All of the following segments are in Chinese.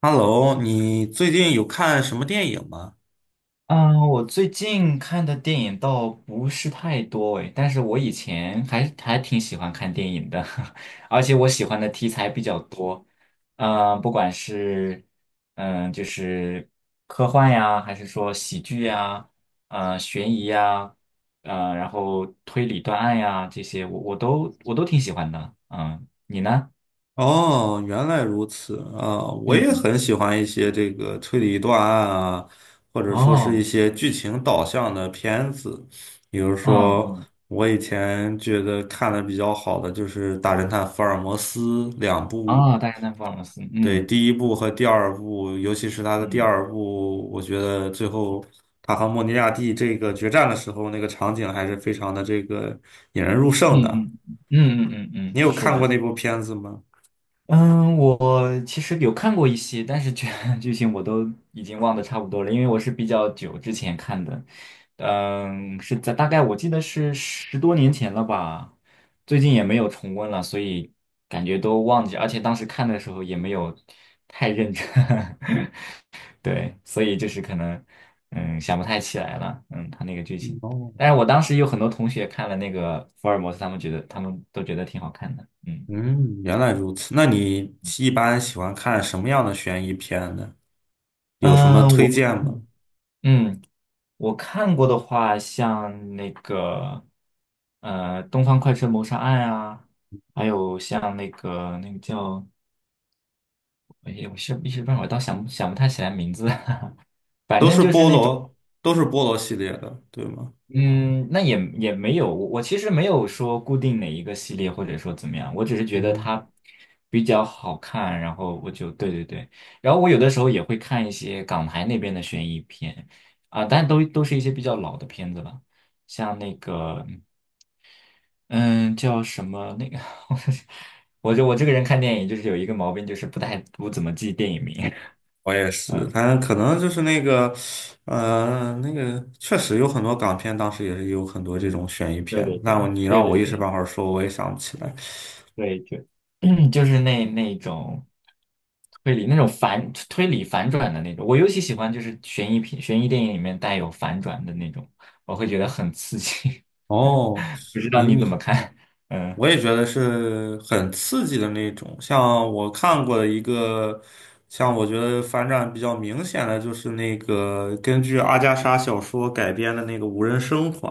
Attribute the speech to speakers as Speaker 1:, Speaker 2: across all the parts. Speaker 1: Hello，你最近有看什么电影吗？
Speaker 2: 嗯，我最近看的电影倒不是太多诶，但是我以前还挺喜欢看电影的。而且我喜欢的题材比较多。嗯，不管是嗯就是科幻呀，还是说喜剧呀，悬疑呀，然后推理断案呀这些，我都挺喜欢的。嗯，你呢？
Speaker 1: 哦，原来如此啊，我也
Speaker 2: 嗯，
Speaker 1: 很喜欢一些这个推理断案啊，或者说是一
Speaker 2: 哦，
Speaker 1: 些剧情导向的片子。比如
Speaker 2: 嗯
Speaker 1: 说，
Speaker 2: 嗯，
Speaker 1: 我以前觉得看的比较好的就是《大侦探福尔摩斯》两部，
Speaker 2: 啊，大家那福尔摩斯，
Speaker 1: 对，
Speaker 2: 嗯
Speaker 1: 第一部和第二部，尤其是他的第
Speaker 2: 嗯。
Speaker 1: 二部，我觉得最后他和莫尼亚蒂这个决战的时候，那个场景还是非常的这个引人入
Speaker 2: 嗯
Speaker 1: 胜的。
Speaker 2: 嗯嗯嗯嗯
Speaker 1: 你
Speaker 2: 嗯，
Speaker 1: 有
Speaker 2: 是
Speaker 1: 看过
Speaker 2: 的。
Speaker 1: 那部片子吗？
Speaker 2: 嗯，我其实有看过一些，但是剧情我都已经忘得差不多了，因为我是比较久之前看的。嗯，是在大概我记得是十多年前了吧，最近也没有重温了，所以感觉都忘记，而且当时看的时候也没有太认真。对，所以就是可能，嗯，想不太起来了，嗯，他那个剧情。
Speaker 1: 哦，
Speaker 2: 但是我当时有很多同学看了那个福尔摩斯，他们都觉得挺好看的。嗯
Speaker 1: 嗯，原来如此。那你一般喜欢看什么样的悬疑片呢？有什么
Speaker 2: 嗯，
Speaker 1: 推
Speaker 2: 我
Speaker 1: 荐吗？
Speaker 2: 嗯，我看过的话，像那个《东方快车谋杀案》啊，还有像那个叫，哎呀，我是一时半会儿倒想不太起来名字。反
Speaker 1: 都
Speaker 2: 正
Speaker 1: 是
Speaker 2: 就是
Speaker 1: 菠
Speaker 2: 那种。
Speaker 1: 萝，都是菠萝系列的，对吗？
Speaker 2: 嗯，那也没有，我其实没有说固定哪一个系列，或者说怎么样，我只是觉
Speaker 1: 嗯
Speaker 2: 得
Speaker 1: 哼，
Speaker 2: 它比较好看，然后我就对对对，然后我有的时候也会看一些港台那边的悬疑片啊，但都是一些比较老的片子了。像那个嗯叫什么那个，我这个人看电影就是有一个毛病，就是不怎么记电影名。
Speaker 1: 我也 是，
Speaker 2: 嗯，
Speaker 1: 但可能就是那个，那个确实有很多港片，当时也是有很多这种悬疑
Speaker 2: 对
Speaker 1: 片。
Speaker 2: 对
Speaker 1: 那我
Speaker 2: 对
Speaker 1: 你
Speaker 2: 对
Speaker 1: 让我
Speaker 2: 对
Speaker 1: 一时
Speaker 2: 对。
Speaker 1: 半会儿说，我也想不起来。
Speaker 2: 对，就 就是那种推理，那种反推理反转的那种。我尤其喜欢就是悬疑片、悬疑电影里面带有反转的那种，我会觉得很刺激。
Speaker 1: 哦，
Speaker 2: 不知道
Speaker 1: 你
Speaker 2: 你怎么
Speaker 1: 你。
Speaker 2: 看？嗯
Speaker 1: 我也觉得是很刺激的那种。像我看过的一个，像我觉得反转比较明显的，就是那个根据阿加莎小说改编的那个《无人生还》。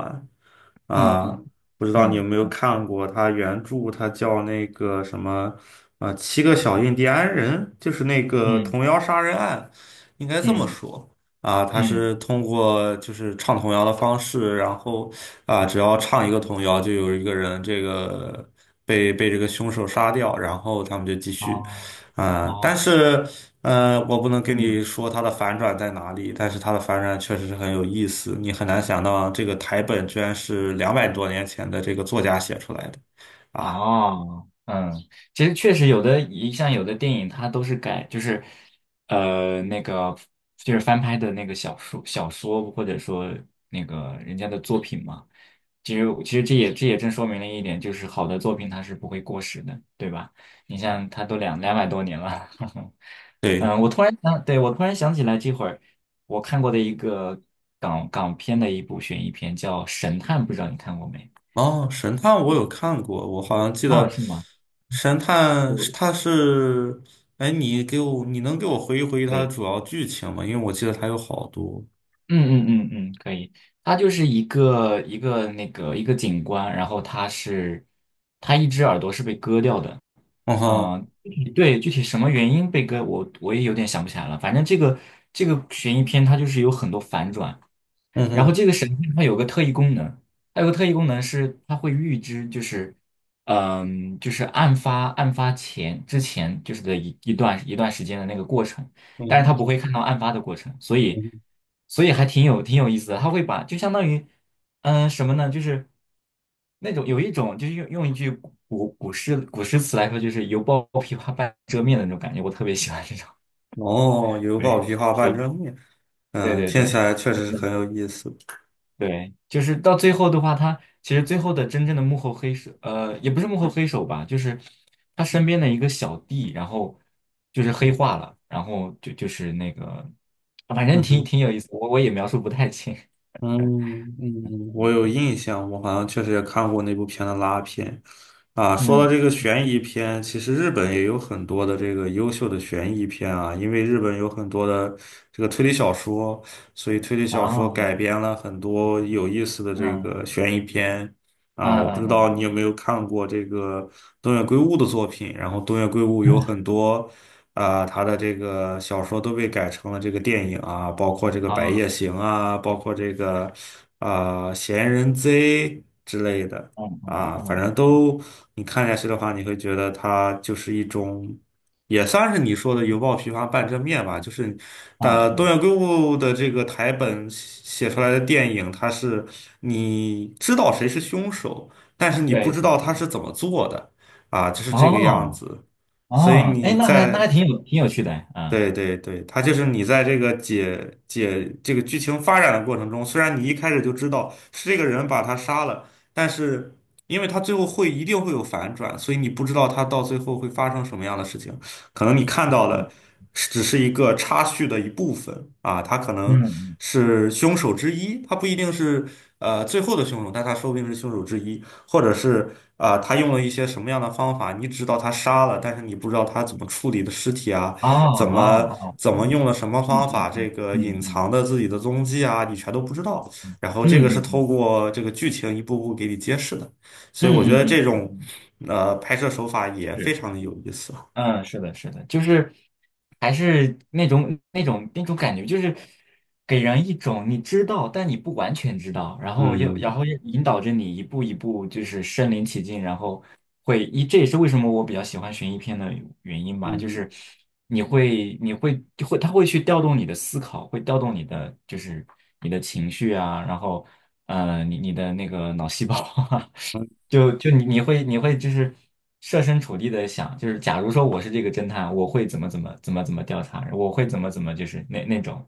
Speaker 1: 啊，
Speaker 2: 嗯
Speaker 1: 不知道你有
Speaker 2: 嗯
Speaker 1: 没有
Speaker 2: 嗯
Speaker 1: 看过他原著，他叫那个什么，七个小印第安人，就是那个
Speaker 2: 嗯
Speaker 1: 童谣杀人案，应该这么
Speaker 2: 嗯
Speaker 1: 说啊。他
Speaker 2: 嗯。
Speaker 1: 是通过就是唱童谣的方式，然后啊，只要唱一个童谣，就有一个人这个被这个凶手杀掉，然后他们就继续
Speaker 2: 哦
Speaker 1: 啊。但
Speaker 2: 哦，
Speaker 1: 是我不能跟你
Speaker 2: 嗯
Speaker 1: 说它的反转在哪里，但是它的反转确实是很有意思。你很难想到这个台本居然是200多年前的这个作家写出来的啊！
Speaker 2: 哦。嗯，其实确实有的，像有的电影它都是改，就是呃那个就是翻拍的那个小说，或者说那个人家的作品嘛。其实这也正说明了一点，就是好的作品它是不会过时的，对吧？你像它都两百多年了。
Speaker 1: 对，
Speaker 2: 嗯，我突然想，对，我突然想起来，这会儿我看过的一个港片的一部悬疑片叫《神探》，不知道你看过没？
Speaker 1: 哦，神探我有看过，我好像记
Speaker 2: 哦，
Speaker 1: 得
Speaker 2: 是吗？
Speaker 1: 神探是它是，哎，你能给我回忆回忆它的
Speaker 2: 对。
Speaker 1: 主要剧情吗？因为我记得它有好多。
Speaker 2: 嗯嗯嗯嗯，可以。它就是一个景观，然后他一只耳朵是被割掉的。
Speaker 1: 嗯哼，
Speaker 2: 嗯、对，具体什么原因被割，我也有点想不起来了。反正这个悬疑片它就是有很多反转，
Speaker 1: 嗯
Speaker 2: 然后
Speaker 1: 哼，
Speaker 2: 这个神仙它有个特异功能。它有个特异功能是它会预知，就是，嗯，就是案发前之前就是的一段一段时间的那个过程，
Speaker 1: 嗯
Speaker 2: 但是它
Speaker 1: 哼，
Speaker 2: 不会看到案发的过程，所
Speaker 1: 嗯
Speaker 2: 以
Speaker 1: 哼。
Speaker 2: 所以还挺有意思的。它会把就相当于，嗯，什么呢？就是那种有一种就是用一句古诗词来说，就是犹抱 琵琶半遮面的那种感觉，我特别喜欢这种。
Speaker 1: 哦，有宝
Speaker 2: 对，
Speaker 1: 皮画
Speaker 2: 对
Speaker 1: 半遮面，
Speaker 2: 对
Speaker 1: 嗯，
Speaker 2: 对
Speaker 1: 听起
Speaker 2: 对。
Speaker 1: 来确实是很有意思。
Speaker 2: 对，就是到最后的话，他其实最后的真正的幕后黑手，也不是幕后黑手吧，就是他身边的一个小弟，然后就是黑化了，然后就是那个。反正
Speaker 1: 嗯哼。
Speaker 2: 挺有意思，我也描述不太清。
Speaker 1: 嗯嗯，我 有
Speaker 2: 对，
Speaker 1: 印象，我好像确实也看过那部片的拉片。啊，说到
Speaker 2: 嗯，
Speaker 1: 这个悬疑片，其实日本也有很多的这个优秀的悬疑片啊，因为日本有很多的这个推理小说，所以推理小说改
Speaker 2: 啊，
Speaker 1: 编了很多有意思的这个
Speaker 2: 嗯
Speaker 1: 悬疑片啊。
Speaker 2: 嗯
Speaker 1: 我不知
Speaker 2: 嗯嗯，
Speaker 1: 道你有没有看过这个东野圭吾的作品，然后东野圭吾有很多。啊、他的这个小说都被改成了这个电影啊，包括这个《白
Speaker 2: 啊，
Speaker 1: 夜行》啊，包括这个啊、闲人贼》之类的
Speaker 2: 嗯嗯
Speaker 1: 啊，反正
Speaker 2: 嗯嗯
Speaker 1: 都你看下去的话，你会觉得它就是一种，也算是你说的犹抱琵琶半遮面吧，就是
Speaker 2: 嗯
Speaker 1: 东
Speaker 2: 嗯，
Speaker 1: 野圭吾的这个台本写出来的电影，它是你知道谁是凶手，但是你不
Speaker 2: 对
Speaker 1: 知
Speaker 2: 对
Speaker 1: 道他
Speaker 2: 对，
Speaker 1: 是怎么做的啊，就是这个样
Speaker 2: 哦
Speaker 1: 子。所以
Speaker 2: 哦，哎，
Speaker 1: 你
Speaker 2: 那那还
Speaker 1: 在
Speaker 2: 挺有趣的，啊，
Speaker 1: 对对对，他就是你在这个解这个剧情发展的过程中，虽然你一开始就知道是这个人把他杀了，但是因为他最后一定会有反转，所以你不知道他到最后会发生什么样的事情。可能你看到的是只是一个插叙的一部分啊，他可
Speaker 2: 嗯
Speaker 1: 能
Speaker 2: 嗯，
Speaker 1: 是凶手之一，他不一定是最后的凶手，但他说不定是凶手之一，或者是啊、他用了一些什么样的方法，你知道他杀了，但是你不知道他怎么处理的尸体啊。
Speaker 2: 哦
Speaker 1: 怎么
Speaker 2: 哦哦，
Speaker 1: 怎么用了什么
Speaker 2: 嗯
Speaker 1: 方
Speaker 2: 嗯
Speaker 1: 法，这
Speaker 2: 嗯
Speaker 1: 个
Speaker 2: 嗯
Speaker 1: 隐
Speaker 2: 嗯
Speaker 1: 藏的自己的踪迹啊，你全都不知道。
Speaker 2: 嗯
Speaker 1: 然后这个
Speaker 2: 嗯嗯
Speaker 1: 是透
Speaker 2: 嗯。
Speaker 1: 过这个剧情一步步给你揭示的，所
Speaker 2: 嗯
Speaker 1: 以我觉
Speaker 2: 嗯
Speaker 1: 得
Speaker 2: 嗯嗯
Speaker 1: 这种
Speaker 2: 嗯，
Speaker 1: 拍摄手法也非
Speaker 2: 是，
Speaker 1: 常的有意思。
Speaker 2: 嗯，是的，是的。就是还是那种感觉，就是给人一种你知道，但你不完全知道，然后又
Speaker 1: 嗯
Speaker 2: 引导着你一步一步就是身临其境，然后这也是为什么我比较喜欢悬疑片的原因吧。就
Speaker 1: 嗯。
Speaker 2: 是你会你会就会它会去调动你的思考，会调动你的就是你的情绪啊，然后你的那个脑细胞 啊，就就你你会你会就是设身处地的想，就是假如说我是这个侦探，我会怎么调查，我会怎么就是那种。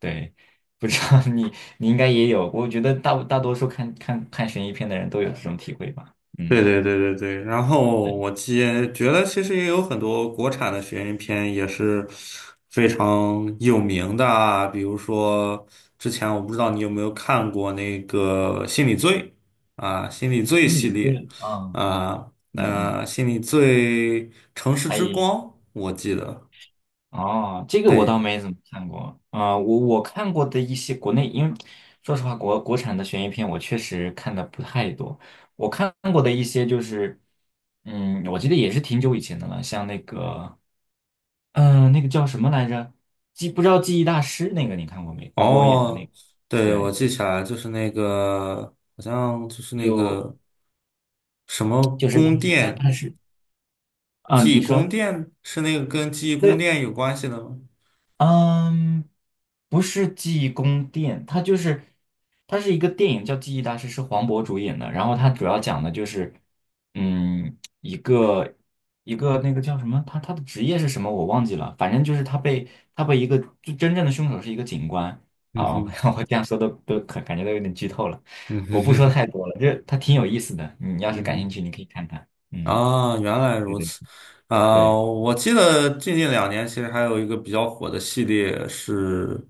Speaker 2: 对，不知道 你应该也有，我觉得大多数看悬疑片的人都有这种体会吧。嗯，
Speaker 1: 对对对对对，然
Speaker 2: 对，
Speaker 1: 后我也觉得其实也有很多国产的悬疑片也是非常有名的啊，比如说之前我不知道你有没有看过那个《心理罪》啊，《心理罪》
Speaker 2: 心
Speaker 1: 系
Speaker 2: 理作
Speaker 1: 列
Speaker 2: 用，嗯，
Speaker 1: 啊，
Speaker 2: 嗯嗯，
Speaker 1: 那《心理罪》《城市
Speaker 2: 哎，
Speaker 1: 之光》，我记得，
Speaker 2: 哦，这个我倒
Speaker 1: 对，
Speaker 2: 没怎么看过啊，我看过的一些国内，因为说实话，国产的悬疑片我确实看的不太多。我看过的一些就是，嗯，我记得也是挺久以前的了，像那个，嗯、那个叫什么来着？不知道记忆大师那个你看过没？黄渤演的那
Speaker 1: 哦，
Speaker 2: 个，
Speaker 1: 对，我记
Speaker 2: 对，
Speaker 1: 起来就是那个好像就是那
Speaker 2: 就
Speaker 1: 个什么
Speaker 2: 就是
Speaker 1: 宫殿。
Speaker 2: 他是，嗯，
Speaker 1: 记忆
Speaker 2: 你
Speaker 1: 宫
Speaker 2: 说。
Speaker 1: 殿是那个跟记忆宫
Speaker 2: 对。
Speaker 1: 殿有关系的吗？
Speaker 2: 嗯，不是记忆宫殿，它是一个电影叫《记忆大师》，是黄渤主演的。然后它主要讲的就是，嗯，一个那个叫什么，他的职业是什么我忘记了，反正就是他被一个，就真正的凶手是一个警官
Speaker 1: 嗯
Speaker 2: 啊。我
Speaker 1: 哼，
Speaker 2: 我这样说都都可感觉都有点剧透了，
Speaker 1: 嗯
Speaker 2: 我
Speaker 1: 哼
Speaker 2: 不
Speaker 1: 哼
Speaker 2: 说
Speaker 1: 哼，
Speaker 2: 太多了，这它挺有意思的，你 要是感兴
Speaker 1: 嗯
Speaker 2: 趣，你可以看看。
Speaker 1: 哼，
Speaker 2: 嗯，
Speaker 1: 啊，原来
Speaker 2: 对
Speaker 1: 如
Speaker 2: 对
Speaker 1: 此。啊，
Speaker 2: 对，
Speaker 1: 我记得最近2年其实还有一个比较火的系列是，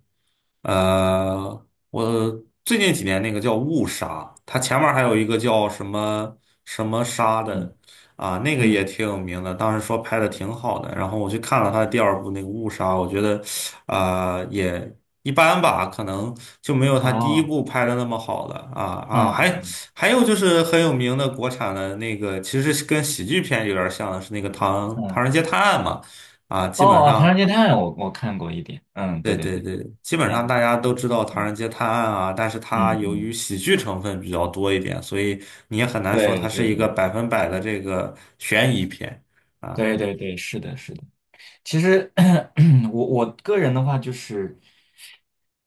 Speaker 1: 我最近几年那个叫误杀，它前面还有一个叫什么什么杀的，
Speaker 2: 嗯
Speaker 1: 啊，那个也
Speaker 2: 嗯，
Speaker 1: 挺有名的，当时说拍的挺好的，然后我去看了他的第二部那个误杀，我觉得，啊、也一般吧，可能就没有他第一
Speaker 2: 哦，
Speaker 1: 部拍的那么好了啊，
Speaker 2: 嗯
Speaker 1: 还还有就是很有名的国产的那个，其实是跟喜剧片有点像的是那个唐《唐
Speaker 2: 嗯。
Speaker 1: 人街探案》嘛，啊，基本
Speaker 2: 哦，哦《唐人
Speaker 1: 上
Speaker 2: 街探案》我看过一点，嗯，
Speaker 1: 对
Speaker 2: 对对
Speaker 1: 对
Speaker 2: 对，
Speaker 1: 对，基本
Speaker 2: 天
Speaker 1: 上大
Speaker 2: 啊，
Speaker 1: 家都知道《唐
Speaker 2: 嗯
Speaker 1: 人街探案》啊，但是它
Speaker 2: 嗯
Speaker 1: 由于
Speaker 2: 嗯，
Speaker 1: 喜剧成分比较多一点，所以你也很难说它
Speaker 2: 对
Speaker 1: 是
Speaker 2: 对
Speaker 1: 一个
Speaker 2: 对
Speaker 1: 百分百的这个悬疑片。
Speaker 2: 对对对，是的，是的。其实 我个人的话，就是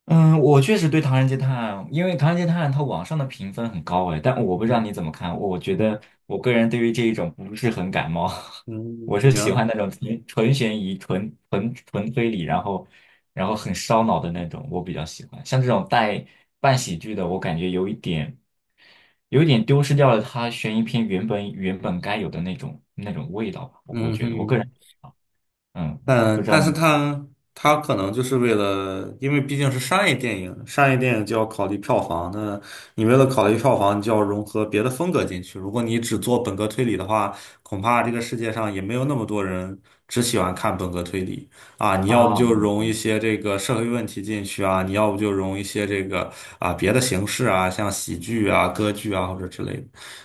Speaker 2: 嗯，我确实对《唐人街探案》，因为《唐人街探案》它网上的评分很高哎，但我不知道
Speaker 1: 嗯
Speaker 2: 你怎么看。我觉
Speaker 1: 嗯
Speaker 2: 得我个人对于这一种不是很感冒。我
Speaker 1: 嗯，
Speaker 2: 是喜欢
Speaker 1: 行，
Speaker 2: 那种纯悬疑、纯纯推理，然后很烧脑的那种，我比较喜欢。像这种带半喜剧的，我感觉有一点丢失掉了它悬疑片原本该有的那种味道吧。我
Speaker 1: 嗯
Speaker 2: 觉得我个人
Speaker 1: 哼。
Speaker 2: 嗯，不
Speaker 1: 嗯，
Speaker 2: 知
Speaker 1: 但
Speaker 2: 道
Speaker 1: 是
Speaker 2: 你
Speaker 1: 他他可能就是为了，因为毕竟是商业电影，商业电影就要考虑票房。那你为了考虑票房，你就要融合别的风格进去。如果你只做本格推理的话，恐怕这个世界上也没有那么多人只喜欢看本格推理啊。你要不
Speaker 2: 啊，
Speaker 1: 就
Speaker 2: 嗯
Speaker 1: 融一些这个社会问题进去啊，你要不就融一些这个啊别的形式啊，像喜剧啊、歌剧啊或者之类的。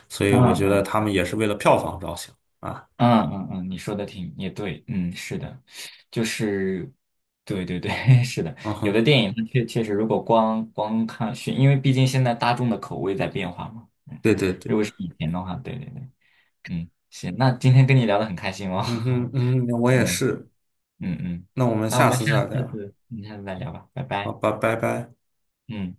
Speaker 1: 所以我觉得
Speaker 2: 嗯。
Speaker 1: 他们也是为了票房着想啊。
Speaker 2: 嗯嗯嗯，你说的也对。嗯，是的，就是，对对对，是的，
Speaker 1: 嗯
Speaker 2: 有
Speaker 1: 哼，
Speaker 2: 的电影它确实，如果光看选，因为毕竟现在大众的口味在变化嘛。嗯，
Speaker 1: 对对对。
Speaker 2: 如果是以前的话，对对对。嗯，行，那今天跟你聊的很开心哦。
Speaker 1: 嗯哼，嗯哼，我也
Speaker 2: 嗯
Speaker 1: 是。
Speaker 2: 嗯嗯，
Speaker 1: 那我们
Speaker 2: 那我
Speaker 1: 下
Speaker 2: 们
Speaker 1: 次
Speaker 2: 下
Speaker 1: 再聊。
Speaker 2: 次，再聊吧，拜
Speaker 1: 好
Speaker 2: 拜，
Speaker 1: 吧，拜拜。
Speaker 2: 嗯。